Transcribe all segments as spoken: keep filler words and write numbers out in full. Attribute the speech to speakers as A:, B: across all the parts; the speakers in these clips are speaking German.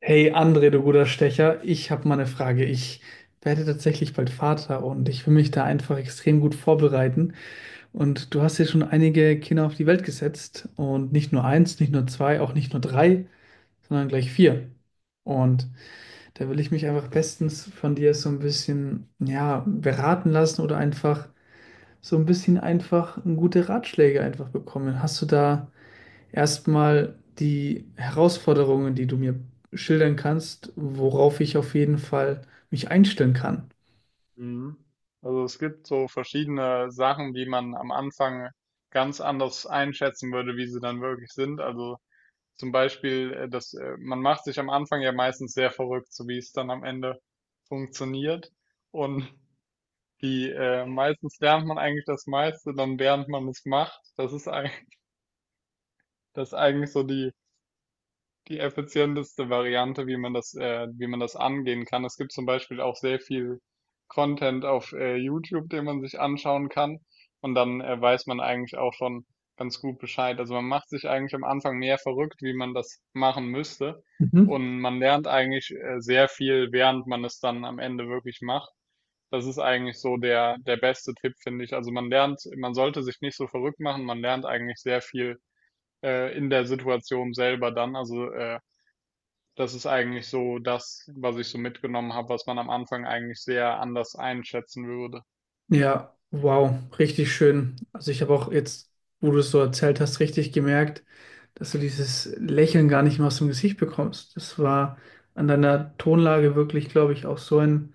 A: Hey André, du guter Stecher, ich habe mal eine Frage. Ich werde tatsächlich bald Vater und ich will mich da einfach extrem gut vorbereiten. Und du hast ja schon einige Kinder auf die Welt gesetzt und nicht nur eins, nicht nur zwei, auch nicht nur drei, sondern gleich vier. Und da will ich mich einfach bestens von dir so ein bisschen, ja, beraten lassen oder einfach so ein bisschen einfach gute Ratschläge einfach bekommen. Hast du da erstmal die Herausforderungen, die du mir schildern kannst, worauf ich auf jeden Fall mich einstellen kann.
B: Mhm. Also es gibt so verschiedene Sachen, die man am Anfang ganz anders einschätzen würde, wie sie dann wirklich sind. Also zum Beispiel, äh, dass äh, man macht sich am Anfang ja meistens sehr verrückt, so wie es dann am Ende funktioniert. Und die äh, meistens lernt man eigentlich das meiste, dann während man es macht. Das ist eigentlich, das ist eigentlich so die die effizienteste Variante, wie man das, äh, wie man das angehen kann. Es gibt zum Beispiel auch sehr viel Content auf äh, YouTube, den man sich anschauen kann. Und dann äh, weiß man eigentlich auch schon ganz gut Bescheid. Also man macht sich eigentlich am Anfang mehr verrückt, wie man das machen müsste.
A: Mhm.
B: Und man lernt eigentlich äh, sehr viel, während man es dann am Ende wirklich macht. Das ist eigentlich so der, der beste Tipp, finde ich. Also man lernt, man sollte sich nicht so verrückt machen, man lernt eigentlich sehr viel äh, in der Situation selber dann. Also äh, das ist eigentlich so das, was ich so mitgenommen habe, was man am Anfang eigentlich sehr anders einschätzen würde.
A: Ja, wow, richtig schön. Also ich habe auch jetzt, wo du es so erzählt hast, richtig gemerkt, dass du dieses Lächeln gar nicht mehr aus dem Gesicht bekommst. Das war an deiner Tonlage wirklich, glaube ich, auch so ein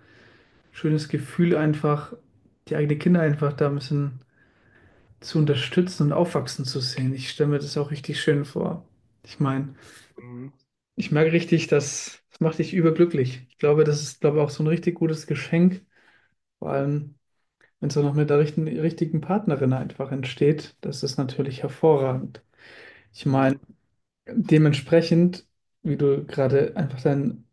A: schönes Gefühl, einfach die eigenen Kinder einfach da ein bisschen zu unterstützen und aufwachsen zu sehen. Ich stelle mir das auch richtig schön vor. Ich meine,
B: Mhm.
A: ich merke richtig, das, das macht dich überglücklich. Ich glaube, das ist, glaube ich, auch so ein richtig gutes Geschenk. Vor allem, wenn es auch noch mit der richten, richtigen Partnerin einfach entsteht, das ist natürlich hervorragend. Ich meine,
B: Mhm.
A: dementsprechend, wie du gerade einfach dein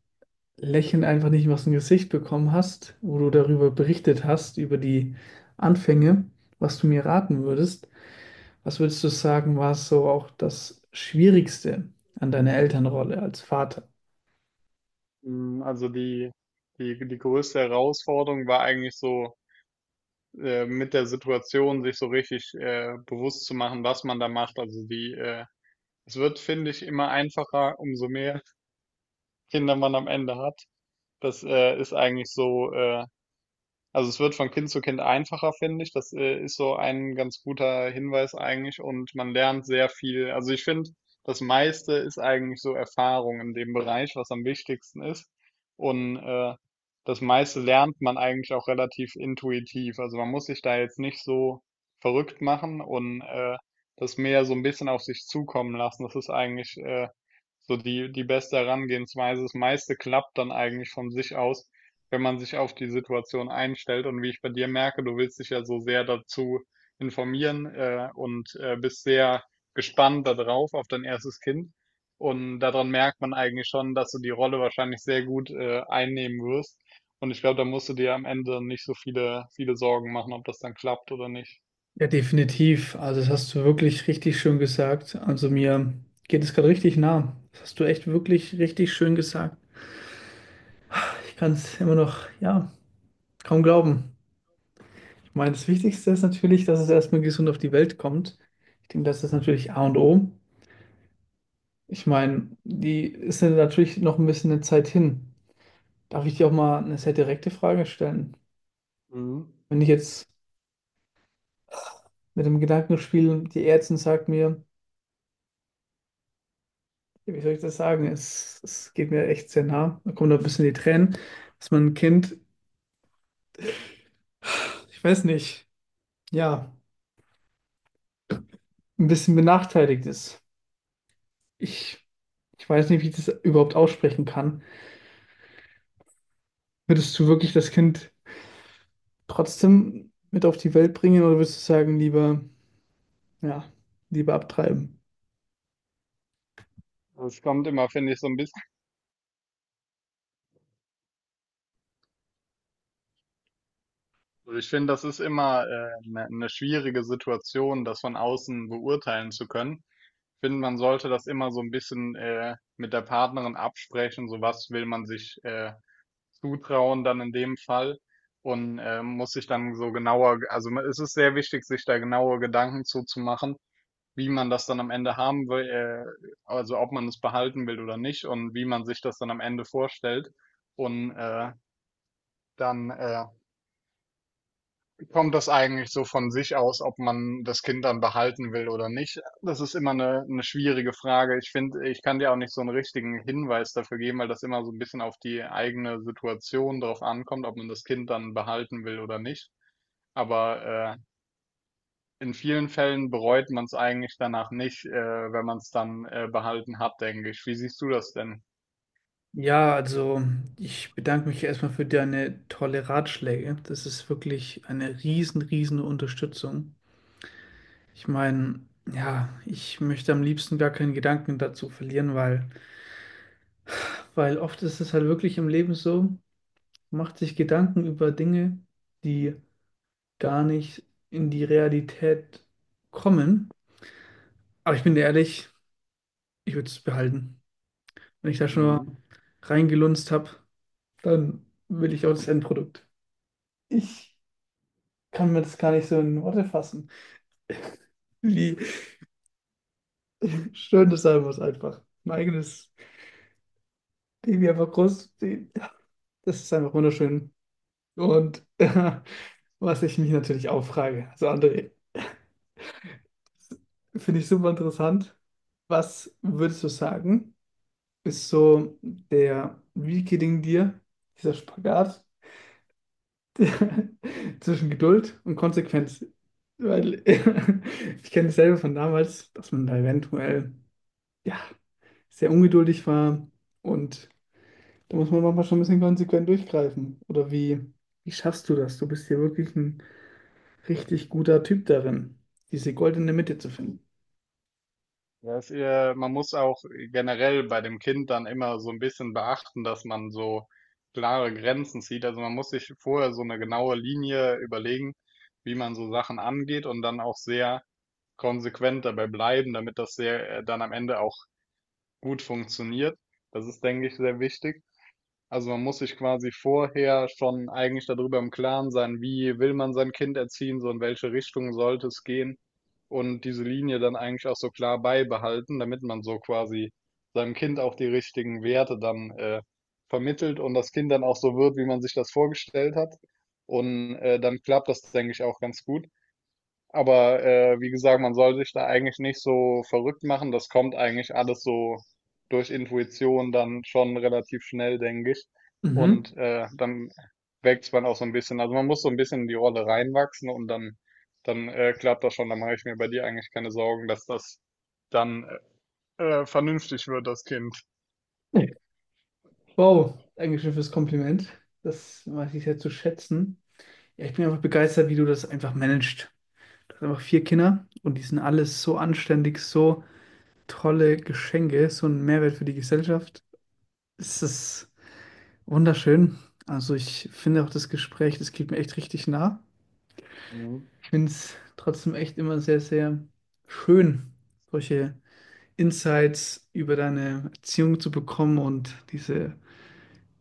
A: Lächeln einfach nicht mehr aus dem Gesicht bekommen hast, wo du darüber berichtet hast, über die Anfänge, was du mir raten würdest, was würdest du sagen, war so auch das Schwierigste an deiner Elternrolle als Vater?
B: Mm, Also die, die, die größte Herausforderung war eigentlich so, äh, mit der Situation sich so richtig äh, bewusst zu machen, was man da macht. Also die, äh, es wird, finde ich, immer einfacher, umso mehr Kinder man am Ende hat. Das äh, ist eigentlich so. äh, Also es wird von Kind zu Kind einfacher, finde ich. Das äh, ist so ein ganz guter Hinweis eigentlich und man lernt sehr viel. Also ich finde, das meiste ist eigentlich so Erfahrung in dem Bereich, was am wichtigsten ist. Und äh, das meiste lernt man eigentlich auch relativ intuitiv. Also man muss sich da jetzt nicht so verrückt machen und äh, das mehr so ein bisschen auf sich zukommen lassen. Das ist eigentlich äh, so die, die beste Herangehensweise. Das meiste klappt dann eigentlich von sich aus, wenn man sich auf die Situation einstellt. Und wie ich bei dir merke, du willst dich ja so sehr dazu informieren äh, und äh, bist sehr gespannt darauf, auf dein erstes Kind. Und daran merkt man eigentlich schon, dass du die Rolle wahrscheinlich sehr gut äh, einnehmen wirst. Und ich glaube, da musst du dir am Ende nicht so viele, viele Sorgen machen, ob das dann klappt oder nicht.
A: Ja, definitiv. Also das hast du wirklich richtig schön gesagt. Also mir geht es gerade richtig nah. Das hast du echt wirklich richtig schön gesagt. Ich kann es immer noch, ja, kaum glauben. Ich meine, das Wichtigste ist natürlich, dass es erstmal gesund auf die Welt kommt. Ich denke, das ist natürlich A und O. Ich meine, die ist ja natürlich noch ein bisschen eine Zeit hin. Darf ich dir auch mal eine sehr direkte Frage stellen?
B: Mhm.
A: Wenn ich jetzt mit dem Gedanken spiele, die Ärztin sagt mir, wie soll ich das sagen? Es, es geht mir echt sehr nah. Da kommen noch ein bisschen die Tränen, dass mein Kind, ich weiß nicht, ja, ein bisschen benachteiligt ist. Ich, ich weiß nicht, wie ich das überhaupt aussprechen kann. Würdest du wirklich das Kind trotzdem mit auf die Welt bringen oder würdest du sagen, lieber, ja, lieber abtreiben?
B: Es kommt immer, finde ich, so ein bisschen. Also ich finde, das ist immer eine äh, ne schwierige Situation, das von außen beurteilen zu können. Ich finde, man sollte das immer so ein bisschen äh, mit der Partnerin absprechen, so was will man sich äh, zutrauen dann in dem Fall und äh, muss sich dann so genauer, also ma- es ist sehr wichtig, sich da genaue Gedanken zuzumachen, wie man das dann am Ende haben will, äh, also ob man es behalten will oder nicht und wie man sich das dann am Ende vorstellt und äh, dann äh, kommt das eigentlich so von sich aus, ob man das Kind dann behalten will oder nicht? Das ist immer eine, eine schwierige Frage. Ich finde, ich kann dir auch nicht so einen richtigen Hinweis dafür geben, weil das immer so ein bisschen auf die eigene Situation drauf ankommt, ob man das Kind dann behalten will oder nicht. Aber äh, in vielen Fällen bereut man es eigentlich danach nicht, äh, wenn man es dann äh, behalten hat, denke ich. Wie siehst du das denn?
A: Ja, also ich bedanke mich erstmal für deine tolle Ratschläge. Das ist wirklich eine riesen, riesen Unterstützung. Ich meine, ja, ich möchte am liebsten gar keinen Gedanken dazu verlieren, weil, weil oft ist es halt wirklich im Leben so, man macht sich Gedanken über Dinge, die gar nicht in die Realität kommen. Aber ich bin dir ehrlich, ich würde es behalten. Wenn ich da schon mal
B: Mhm.
A: reingelunzt habe, dann will ich auch das Endprodukt. Ich kann mir das gar nicht so in Worte fassen, wie schön das sein muss einfach. Mein eigenes Baby einfach groß, das ist einfach wunderschön. Und äh, was ich mich natürlich auch frage, also André, finde ich super interessant. Was würdest du sagen, ist so der, wie gelingt dir dieser Spagat der, zwischen Geduld und Konsequenz? Weil ich kenne dasselbe von damals, dass man da eventuell ja, sehr ungeduldig war und da muss man manchmal schon ein bisschen konsequent durchgreifen. Oder wie, wie schaffst du das? Du bist hier wirklich ein richtig guter Typ darin, diese goldene Mitte zu finden.
B: Ja, es, äh, man muss auch generell bei dem Kind dann immer so ein bisschen beachten, dass man so klare Grenzen zieht. Also man muss sich vorher so eine genaue Linie überlegen, wie man so Sachen angeht und dann auch sehr konsequent dabei bleiben, damit das sehr, äh, dann am Ende auch gut funktioniert. Das ist, denke ich, sehr wichtig. Also man muss sich quasi vorher schon eigentlich darüber im Klaren sein, wie will man sein Kind erziehen, so in welche Richtung sollte es gehen und diese Linie dann eigentlich auch so klar beibehalten, damit man so quasi seinem Kind auch die richtigen Werte dann äh, vermittelt und das Kind dann auch so wird, wie man sich das vorgestellt hat. Und äh, dann klappt das, denke ich, auch ganz gut. Aber äh, wie gesagt, man soll sich da eigentlich nicht so verrückt machen. Das kommt eigentlich alles so durch Intuition dann schon relativ schnell, denke ich.
A: Mhm.
B: Und äh, dann wächst man auch so ein bisschen. Also man muss so ein bisschen in die Rolle reinwachsen und dann, dann äh, klappt das schon. Dann mache ich mir bei dir eigentlich keine Sorgen, dass das dann äh, äh, vernünftig wird, das Kind.
A: Nee. Wow, Dankeschön fürs Kompliment. Das weiß ich sehr zu schätzen. Ja, ich bin einfach begeistert, wie du das einfach managst. Du hast einfach vier Kinder und die sind alles so anständig, so tolle Geschenke, so ein Mehrwert für die Gesellschaft. Es ist wunderschön. Also ich finde auch das Gespräch, das geht mir echt richtig nah.
B: Mhm.
A: Ich finde es trotzdem echt immer sehr, sehr schön, solche Insights über deine Erziehung zu bekommen und diese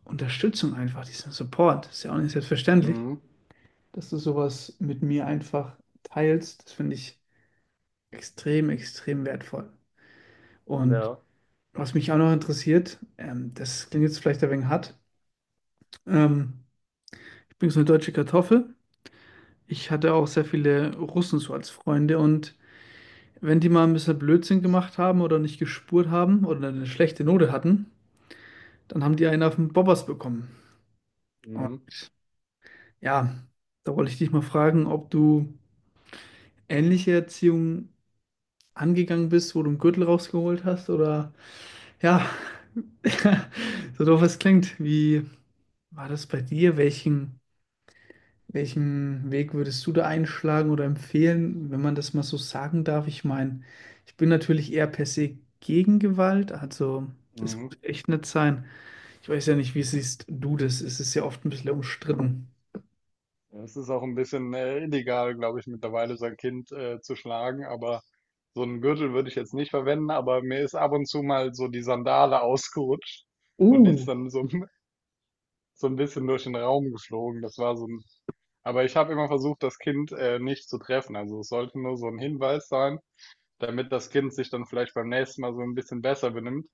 A: Unterstützung einfach, diesen Support. Ist ja auch nicht selbstverständlich,
B: Mhm.
A: dass du sowas mit mir einfach teilst. Das finde ich extrem, extrem wertvoll. Und
B: Ja.
A: was mich auch noch interessiert, ähm, das klingt jetzt vielleicht ein wenig hart, ähm, ich bin so eine deutsche Kartoffel. Ich hatte auch sehr viele Russen so als Freunde und wenn die mal ein bisschen Blödsinn gemacht haben oder nicht gespurt haben oder eine schlechte Note hatten, dann haben die einen auf den Bobbers bekommen. Und
B: Mhm.
A: ja, da wollte ich dich mal fragen, ob du ähnliche Erziehung angegangen bist, wo du einen Gürtel rausgeholt hast oder ja, so doof es klingt. Wie war das bei dir? Welchen, welchen Weg würdest du da einschlagen oder empfehlen, wenn man das mal so sagen darf? Ich meine, ich bin natürlich eher per se gegen Gewalt, also das
B: Mhm.
A: muss echt nicht sein. Ich weiß ja nicht, wie siehst du das? Es ist ja oft ein bisschen umstritten.
B: Ja, Es ist auch ein bisschen äh, illegal, glaube ich, mittlerweile sein Kind äh, zu schlagen, aber so einen Gürtel würde ich jetzt nicht verwenden, aber mir ist ab und zu mal so die Sandale ausgerutscht und die
A: Uh,
B: ist dann so, ein- so ein bisschen durch den Raum geflogen. Das war so ein, Aber ich habe immer versucht, das Kind äh, nicht zu treffen. Also es sollte nur so ein Hinweis sein, damit das Kind sich dann vielleicht beim nächsten Mal so ein bisschen besser benimmt.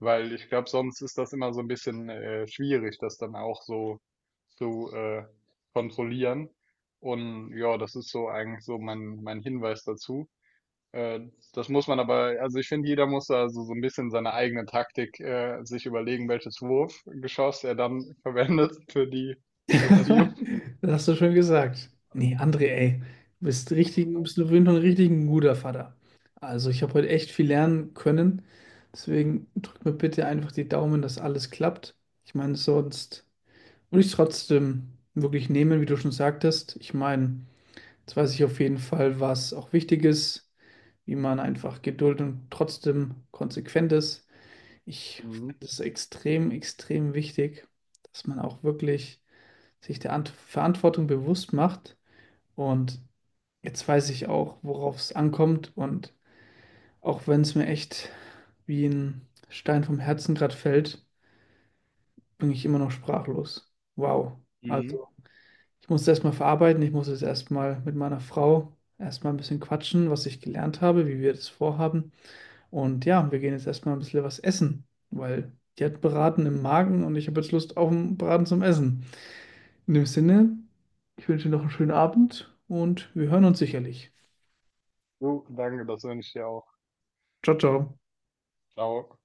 B: Weil ich glaube, sonst ist das immer so ein bisschen äh, schwierig, das dann auch so zu äh, kontrollieren. Und ja, das ist so eigentlich so mein, mein Hinweis dazu. Äh, das muss man aber, also ich finde, jeder muss da so, so, ein bisschen seine eigene Taktik äh, sich überlegen, welches Wurfgeschoss er dann verwendet für die
A: also,
B: Erziehung.
A: das hast du schön gesagt. Nee, André, ey, du bist richtig, du bist auf jeden Fall ein richtig ein guter Vater. Also, ich habe heute echt viel lernen können. Deswegen drück mir bitte einfach die Daumen, dass alles klappt. Ich meine, sonst würde ich es trotzdem wirklich nehmen, wie du schon sagtest. Ich meine, jetzt weiß ich auf jeden Fall, was auch wichtig ist, wie man einfach Geduld und trotzdem konsequent ist. Ich
B: Mhm.
A: finde es extrem, extrem wichtig, dass man auch wirklich sich der Ant Verantwortung bewusst macht. Und jetzt weiß ich auch, worauf es ankommt. Und auch wenn es mir echt wie ein Stein vom Herzen gerade fällt, bin ich immer noch sprachlos. Wow.
B: Mhm.
A: Also ich muss es erstmal verarbeiten. Ich muss es erstmal mit meiner Frau erstmal ein bisschen quatschen, was ich gelernt habe, wie wir das vorhaben. Und ja, wir gehen jetzt erstmal ein bisschen was essen, weil die hat Braten im Magen und ich habe jetzt Lust auf einen Braten zum Essen. In dem Sinne, ich wünsche dir noch einen schönen Abend und wir hören uns sicherlich.
B: So, danke, das wünsche ich dir auch.
A: Ciao, ciao.
B: Ciao.